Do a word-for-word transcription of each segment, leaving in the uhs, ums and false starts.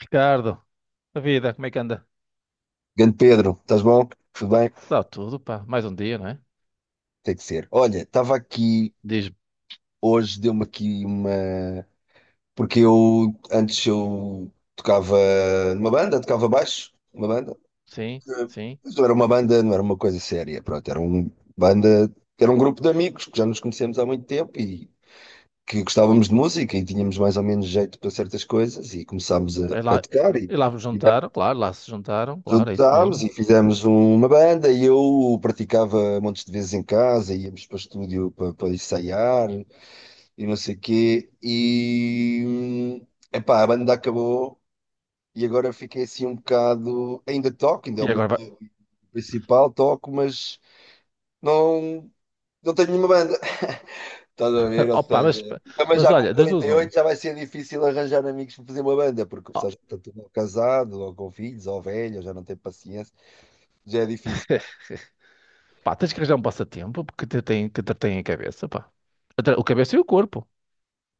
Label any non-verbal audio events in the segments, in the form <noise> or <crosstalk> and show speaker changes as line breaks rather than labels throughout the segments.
Ricardo, a vida, como é que anda?
Grande Pedro, estás bom? Tudo bem?
Dá tudo, pá. Mais um dia, não é?
Tem que ser. Olha, estava aqui
Diz-me.
hoje, deu-me aqui uma. Porque eu antes eu tocava numa banda, tocava baixo, uma banda.
Sim, sim.
Mas não era uma banda, não era uma coisa séria, pronto, era um banda, era um grupo de amigos que já nos conhecemos há muito tempo e que gostávamos de música e tínhamos mais ou menos jeito para certas coisas e começámos a,
E
a
lá,
tocar e
e lá vos juntaram, claro, lá se juntaram, claro, é isso
juntámos
mesmo.
e fizemos um, uma banda, e eu praticava montes de vezes em casa, íamos para o estúdio para, para ensaiar e não sei o quê. E hum, epá, a banda acabou e agora fiquei assim um bocado. Ainda toco, ainda é
E
o meu
agora vai.
principal, toco, mas não, não tenho nenhuma banda. <laughs> Estás a ver?
<laughs>
Ou
Opa, mas,
seja, também
mas
já com
olha, das
quarenta
duas
e
uma.
oito já vai ser difícil arranjar amigos para fazer uma banda, porque o
Ó,
pessoal já está tudo casado, ou com filhos, ou velho, já não tem paciência, já é difícil.
pá, tens que arranjar um passatempo porque te tem, que te tem a cabeça, pá. Atra- O cabeça e o corpo.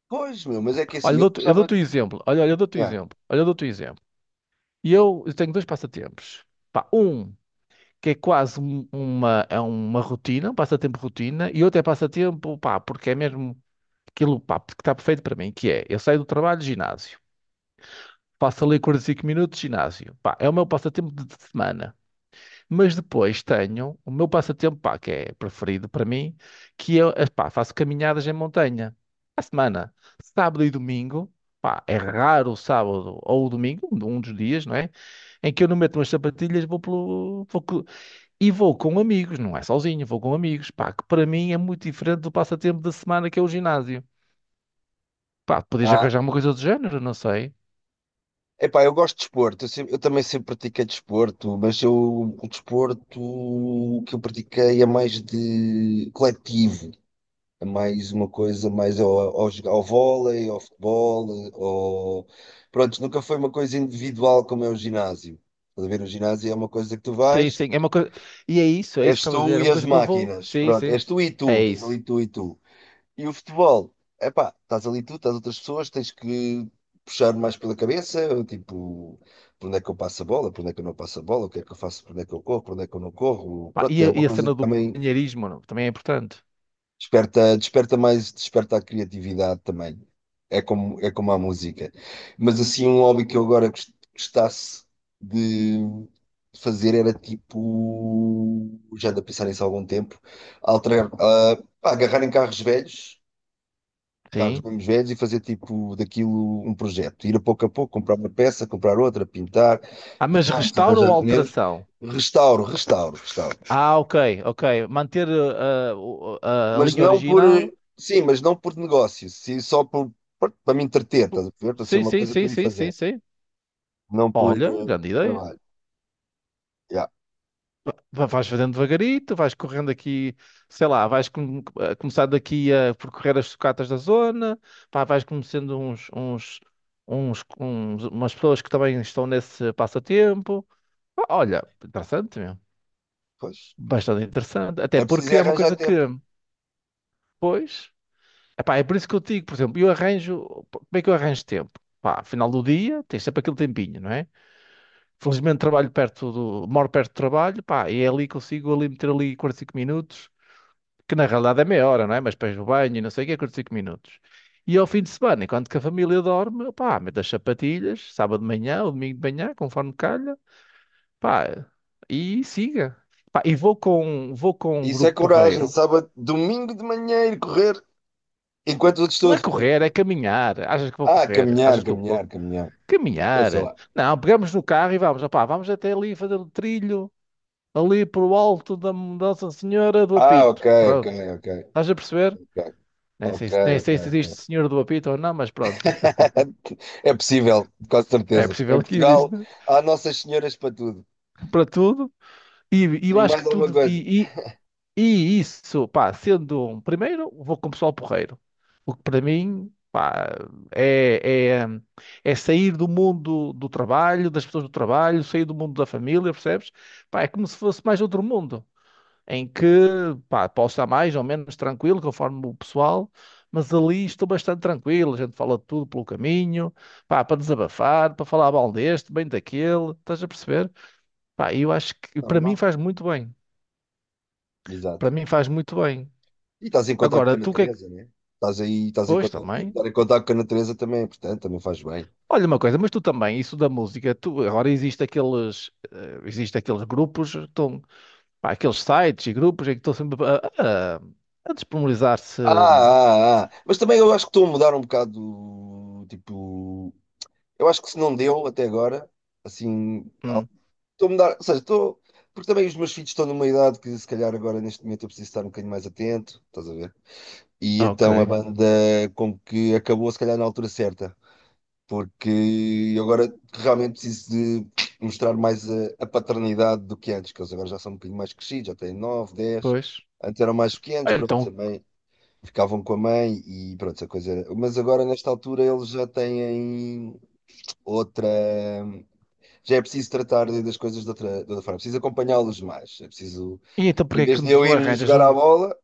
Pois, meu, mas é que
Olha,
assim,
eu
eu
dou-te eu
gostava.
dou-te um exemplo. Olha, olha, eu dou-te um
Yeah.
exemplo. Olha, eu dou-te um exemplo. E eu, eu tenho dois passatempos. Pá, um que é quase um- uma, é uma rotina, um passatempo rotina, e outro é passatempo, pá, porque é mesmo. Aquilo, pá, que está perfeito para mim, que é, eu saio do trabalho, ginásio. Faço ali quarenta e cinco minutos, ginásio. Pá, é o meu passatempo de de semana. Mas depois tenho o meu passatempo, pá, que é preferido para mim, que eu, eh, pá, faço caminhadas em montanha. À semana, sábado e domingo, pá, é raro o sábado ou o domingo, um um dos dias, não é? Em que eu não meto umas sapatilhas, vou pelo, vou co- e vou com amigos, não é sozinho, vou com amigos, pá, que para mim é muito diferente do passatempo da semana que é o ginásio. Pá, podias
Ah,
arranjar uma coisa do género, não sei.
epá, eu gosto de desporto, eu, sempre- eu também sempre pratiquei desporto, mas eu, o desporto que eu pratiquei é mais de coletivo, é mais uma coisa mais ao, ao, jogar- ao vôlei, ao futebol, ao... Pronto, nunca foi uma coisa individual como é o ginásio. Estás a ver, o ginásio é uma coisa que tu
Sim,
vais,
sim, é uma coisa. E é isso, é isso que
és
estava a
tu
dizer. É
e
uma
as
coisa que eu vou.
máquinas,
Sim,
pronto,
sim.
és tu e tu,
É
estás ali
isso.
tu e tu. E o futebol, epá, estás ali tu, estás outras pessoas, tens que puxar mais pela cabeça, tipo, por onde é que eu passo a bola, por onde é que eu não passo a bola, o que é que eu faço, por onde é que eu corro, por onde é que eu não corro.
Pá,
Pronto,
e,
é
a,
uma
e a
coisa
cena
que
do
também
companheirismo, não? Também é importante.
desperta, desperta mais, desperta a criatividade também. É como, é como a música. Mas assim, um hobby que eu agora gos- gostasse de fazer era tipo, já ando a pensar nisso há algum tempo, alterar, ah, pá, agarrar em carros velhos, carros
Sim.
mesmo velhos, e fazer tipo daquilo um projeto. Ir a pouco a pouco, comprar uma peça, comprar outra, pintar,
Ah, mas
juntos,
restauro ou
arranjar pneus,
alteração?
restauro, restauro, restauro.
Ah, ok, ok. Manter uh, uh, o- a, a
Mas
linha
não por,
original.
eh, sim, mas não por negócio, sim, só por, por- para me entreter, estás a ver? Para ser
Sim,
uma
sim,
coisa para
sim,
eu ir
sim, sim,
fazer,
sim.
não por,
Olha,
eh,
grande
por
ideia.
trabalho. Yeah,
Va- Vais fazendo devagarito, vais correndo aqui, sei lá, vais com- a começar daqui a percorrer as sucatas da zona, pá, vais conhecendo uns, uns, uns, uns- umas pessoas que também estão nesse passatempo. Pá, olha, interessante mesmo,
pois, pois.
bastante interessante, até
É preciso
porque
é
é uma
arranjar
coisa que...
tempo.
Pois, epá, é por isso que eu te digo, por exemplo, eu arranjo, como é que eu arranjo tempo? Pá, final do dia, tens sempre aquele tempinho, não é? Felizmente trabalho perto do, moro perto do trabalho, pá, e é ali que consigo ali meter ali quarenta e cinco minutos que na realidade é meia hora, não é? Mas depois o banho e não sei o que é curto cinco minutos. E ao fim de semana, enquanto que a família dorme, pá, mete as sapatilhas, sábado de manhã ou domingo de manhã, conforme calha, pá, e siga. Pá, e vou com, vou com um
Isso é
grupo
coragem,
porreiro.
sábado, domingo de manhã ir correr, enquanto os
Não é
outros estão
correr, é caminhar. Achas que vou
a... Ah,
correr?
caminhar,
Achas que eu
caminhar,
corro?
caminhar. Eu sei
Caminhar.
lá.
Não, pegamos no carro e vamos, opá, vamos até ali fazer o trilho, ali para o alto da Nossa Senhora do
Ah, ok,
Apito.
ok,
Pronto.
ok.
Estás a perceber?
Ok.
Nem sei,
Ok,
se- nem
ok,
sei se existe
ok.
Senhora do Apito ou não, mas pronto.
<laughs> É possível, com
É
certeza. Em
possível que
Portugal
exista
há Nossas Senhoras para tudo.
para tudo. E, e
E
eu acho que
mais alguma
tudo.
coisa.
E, e, e isso, pá, sendo um primeiro, vou com o pessoal porreiro. O que para mim, pá, é, é, é sair do mundo do trabalho, das pessoas do trabalho, sair do mundo da família, percebes? Pá, é como se fosse mais outro mundo, em que, pá, posso estar mais ou menos tranquilo, conforme o pessoal. Mas ali estou bastante tranquilo, a gente fala de tudo pelo caminho, pá, para desabafar, para falar mal deste, bem daquele, estás a perceber? Pá, eu acho que para mim
Normal.
faz muito bem.
Exato.
Para mim faz muito bem.
E estás em contacto com
Agora,
a
tu o que é que...
natureza, não é? Estás aí, estás em
Pois
contacto,
também.
estar em contacto com a natureza também é importante, também faz bem.
Olha uma coisa, mas tu também, isso da música, tu, agora existe aqueles, eh, existe aqueles grupos, estão, pá, aqueles sites e grupos em que estão sempre a, a, a disponibilizar-se.
Ah, ah, ah. Mas também eu acho que estou a mudar um bocado, tipo, eu acho que se não deu até agora, assim, al-
Hum,
estou a mudar, ou seja, estou, porque também os meus filhos estão numa idade que se calhar agora neste momento eu preciso estar um bocadinho mais atento, estás a ver? E então a
ok,
banda como que acabou se calhar na altura certa, porque eu agora realmente preciso de mostrar mais a, a paternidade do que antes, que eles agora já são um bocadinho mais crescidos, já têm nove dez.
pois.
Antes eram mais pequenos,
Ah,
pronto,
Então,
também ficavam com a mãe e pronto, essa coisa era. Mas agora nesta altura eles já têm outra. Já é preciso tratar de- das coisas de outra, de outra forma, é preciso acompanhá-los mais, é preciso.
e então
Em
porquê é que
vez de
tu
eu
não
ir
arranjas
jogar à
um.
bola,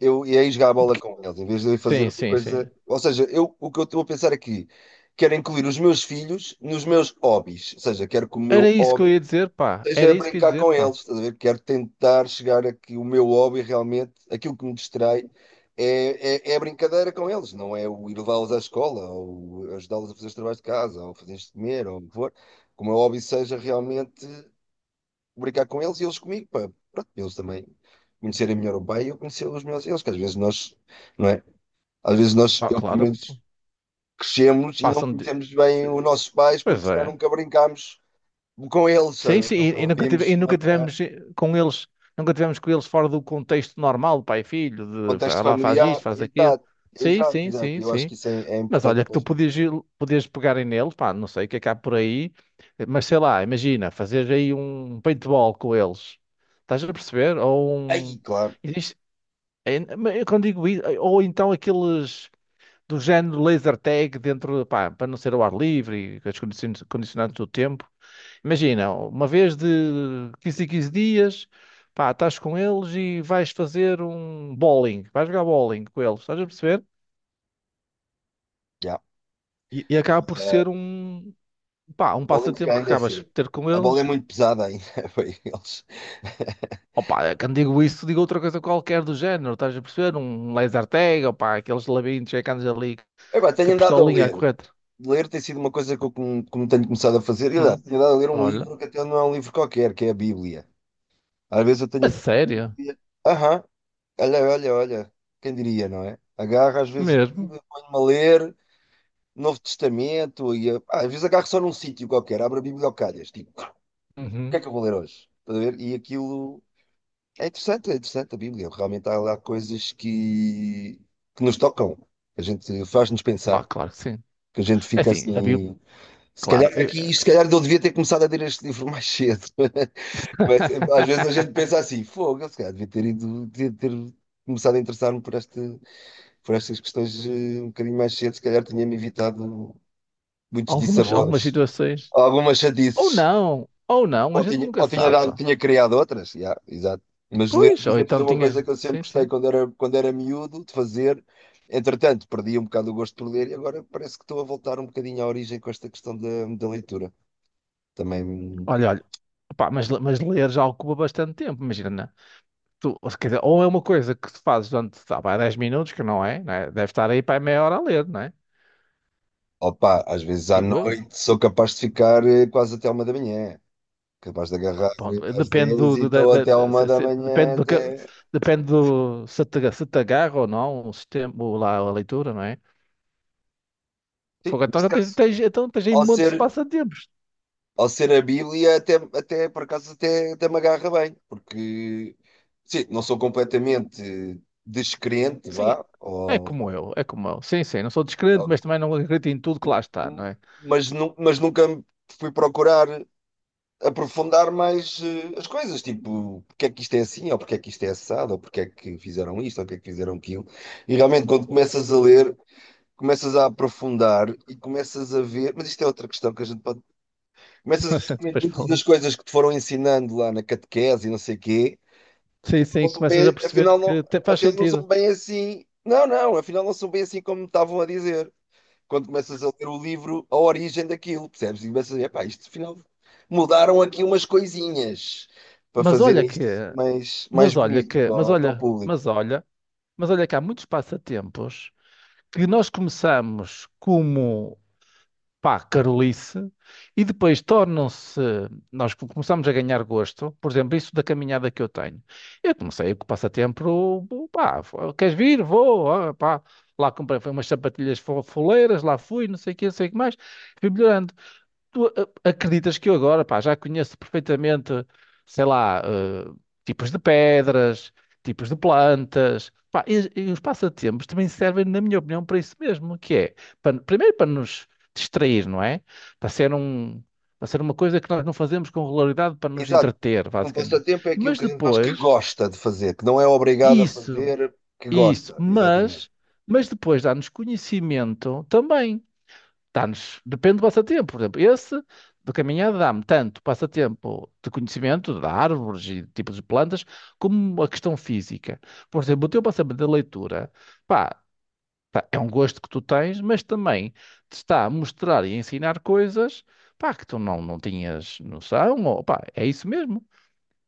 eu ia jogar a bola
Porque...
com eles, em vez de eu ir fazer
Sim,
uma
sim,
coisa.
sim.
Ou seja, eu, o que eu estou a pensar aqui, quero incluir os meus filhos nos meus hobbies. Ou seja, quero que o
Era
meu
isso que eu
hobby
ia dizer, pá. Era
seja
isso que eu ia
brincar
dizer,
com
pá.
eles. Estás a ver? Quero tentar chegar a que o meu hobby realmente, aquilo que me distrai, é, é, é a brincadeira com eles, não é o ir levá-los à escola, ou ajudá-los a fazer os trabalhos de casa, ou fazer de comer, ou o que for. Que o meu hobby seja realmente brincar com eles e eles comigo, pá. Pronto, eles também conhecerem melhor o pai e eu conhecer os meus eles, que às vezes nós, não é? Às vezes nós,
Pá,
eu, pelo
claro,
menos, crescemos e não
passam de...
conhecemos bem os nossos pais
Pois
porque se calhar
é.
nunca brincámos com eles,
Sim,
sabe?
sim,
Nunca
e, e
o
nunca tive, e
vimos
nunca
noutro
tivemos eh, com eles, nunca tivemos com eles fora do contexto normal, pai e filho, de
contexto
fa- lá faz
familiar.
isto, faz aquilo.
Exato,
Sim,
exato,
sim,
exato.
sim,
E eu acho
sim.
que isso é, é
Mas
importante
olha que
para
tu
os miúdos.
podias, ir- podias pegar em neles, pá, não sei o que é que há por aí, eh, mas sei lá, imagina, fazer aí um paintball com eles. Estás a perceber? Ou um...
Aí, claro,
Existe, é, mas eu quando digo isso, ou então aqueles do género laser tag dentro, pá, para não ser ao ar livre, e com as condicionantes condicionantes do tempo. Imagina, uma vez de quinze em quinze dias, pá, estás com eles e vais fazer um bowling, vais jogar bowling com eles, estás a perceber?
já.
E, e acaba por
Eh,
ser um, pá, um
bowling se
passatempo
calhar
que
ainda é
acabas por
cedo.
ter com
A bola é
eles.
muito pesada ainda <laughs> para eles. <laughs>
Opa, quando digo isso, digo outra coisa qualquer do género, estás a perceber? Um laser tag, opá, aqueles labirintos é que andas ali,
Epá,
com
tenho
a
andado a
pistolinha é
ler.
correto.
Ler tem sido uma coisa que eu como, como tenho começado a fazer. E aliás,
Hum,
tenho dado a ler um
olha,
livro que até não é um livro qualquer, que é a Bíblia. Às vezes eu tenho
a
aqui a
sério,
Bíblia. Aham, olha, olha, olha. Quem diria, não é? Agarro às vezes a
mesmo.
Bíblia, ponho-me a ler Novo Testamento e ah, às vezes agarro só num sítio qualquer, abro a Bíblia ao calhas. Tipo, o que
Uhum.
é que eu vou ler hoje? Estás a ver? E aquilo é interessante, é interessante a Bíblia. Realmente há lá coisas que, que nos tocam, que a gente faz-nos
Ah,
pensar,
claro que sim.
que a gente
É
fica
assim, havia,
assim. Se
claro,
calhar
eu...
aqui, se calhar eu devia ter começado a ler este livro mais cedo. <laughs> Mas eh, às vezes a gente pensa
<laughs>
assim, fogo, eu se calhar devia ter ido, devia ter começado a interessar-me por esta, por estas questões, eh, um bocadinho mais cedo, se calhar tinha-me evitado muitos
algumas, algumas
dissabores,
situações.
algumas
Ou
chatices,
não, ou não, a
ou
gente
tinha,
nunca
ou tinha
sabe,
dado,
pá.
tinha criado outras, já, exato. Mas ler,
Pois,
por
ou
exemplo, é
então
uma coisa
tinhas.
que eu sempre
Sim,
gostei
sim.
quando era, quando era miúdo de fazer. Entretanto, perdi um bocado o gosto por ler e agora parece que estou a voltar um bocadinho à origem com esta questão da, da leitura. Também
Olha, olha, pá, mas, mas ler já ocupa bastante tempo, imagina, né? Tu, ou, se- Quer dizer, ou é uma coisa que tu fazes durante, tá, pá, dez minutos, que não é, né? Deve estar aí para meia hora a ler, não é?
opa, às vezes à
Digo eu.
noite sou capaz de ficar eh, quase até à uma da manhã. Capaz de agarrar
Pá,
eh, às
depende
dez
do,
e
do- da-
estou
da-
até à
da-
uma
se-
da
se- depende
manhã
do que,
até.
depende do se te, se te agarra ou não o sistema, o lá, a leitura, não é?
Sim,
Fogo, então
neste
já tens,
caso,
tens, então tens aí
ao
montes de
ser,
passatempo.
ao ser a Bíblia, até, até por acaso, até até me agarra bem, porque sim, não sou completamente descrente,
Sim, é
vá,
é
ou-
como eu, é como eu. Sim, sim, não sou descrente, mas também não acredito em tudo que lá está, não
ou-
é?
mas, nu- mas nunca fui procurar aprofundar mais eh, as coisas, tipo, porque é que isto é assim, ou porque é que isto é assado, ou porque é que fizeram isto, ou porque é que fizeram aquilo. E realmente, quando começas a ler, começas a aprofundar e começas a ver. Mas isto é outra questão que a gente pode.
<laughs>
Começas a
Mas
ver que
depois
muitas das
falando.
coisas que te foram ensinando lá na catequese e não sei o quê,
Sim,
afinal
sim,
não são
começas a
bem,
perceber
afinal
que
não,
até faz
afinal não
sentido.
são bem assim. Não, não, afinal não são bem assim como me estavam a dizer quando começas a ler o livro, a origem daquilo, percebes? E começas a ver, pá, isto afinal mudaram aqui umas coisinhas para
Mas olha
fazerem
que,
isto assim mais, mais
mas olha
bonito
que,
para,
mas
o- para o
olha,
público.
mas olha, mas olha que há muitos passatempos que nós começamos como, pá, carolice, e depois tornam-se, nós co- começamos a ganhar gosto, por exemplo, isso da caminhada que eu tenho. Eu comecei com o passatempo, pá, fo- queres vir? Vou, ah, pá. Lá comprei foi umas sapatilhas fo- foleiras, lá fui, não sei o que, não sei o que mais, fui melhorando. Tu a- acreditas que eu agora, pá, já conheço perfeitamente, sei lá, eh, tipos de pedras, tipos de plantas, pá, e, e os passatempos também servem, na minha opinião, para isso mesmo, que é, para- primeiro para nos distrair, não é? Para ser um, para ser uma coisa que nós não fazemos com regularidade para nos
Exato.
entreter,
Um
basicamente.
passatempo é aquilo
Mas
que a gente faz, que
depois,
gosta de fazer, que não é obrigado a
isso,
fazer, que
isso,
gosta. Exatamente.
mas, mas depois dá-nos conhecimento também, dá-nos, depende do passatempo, por exemplo, esse de caminhada dá-me tanto passatempo de conhecimento de árvores e de tipos de plantas, como a questão física. Por exemplo, o teu passatempo da leitura, pá, tá, é um gosto que tu tens, mas também te está a mostrar e a ensinar coisas, pá, que tu não, não tinhas noção, ou, pá, é isso mesmo.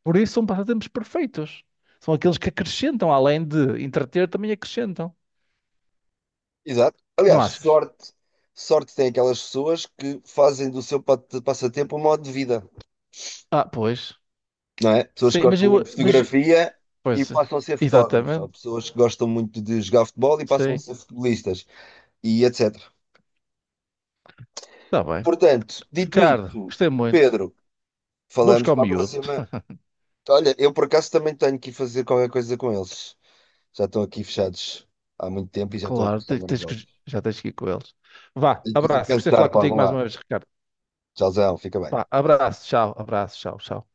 Por isso são passatempos perfeitos. São aqueles que acrescentam, além de entreter, também acrescentam.
Exato.
Não
Aliás,
achas?
sorte, sorte tem aquelas pessoas que fazem do seu pa- passatempo um modo de vida.
Ah, pois.
Não é? Pessoas que
Sim, mas
gostam
eu,
muito de
mas...
fotografia e
Pois, é,
passam a ser fotógrafos, ou
exatamente.
pessoas que gostam muito de jogar futebol e passam a
Sim,
ser futebolistas, e etc.
está bem.
Portanto, dito
Ricardo,
isto,
gostei muito.
Pedro,
Vou
falamos
buscar o
para a
miúdo.
próxima. Olha, eu por acaso também tenho que ir fazer qualquer coisa com eles. Já estão aqui fechados há muito tempo e já estão a
Claro,
começar
te- tens que-
nervosos.
já tens que ir com eles. Vá,
Tenho que os
abraço. Gostei de falar
cansar para algum
contigo mais uma
lado.
vez, Ricardo.
Tchauzão, fica bem.
Vá, abraço, tchau, abraço, tchau, tchau.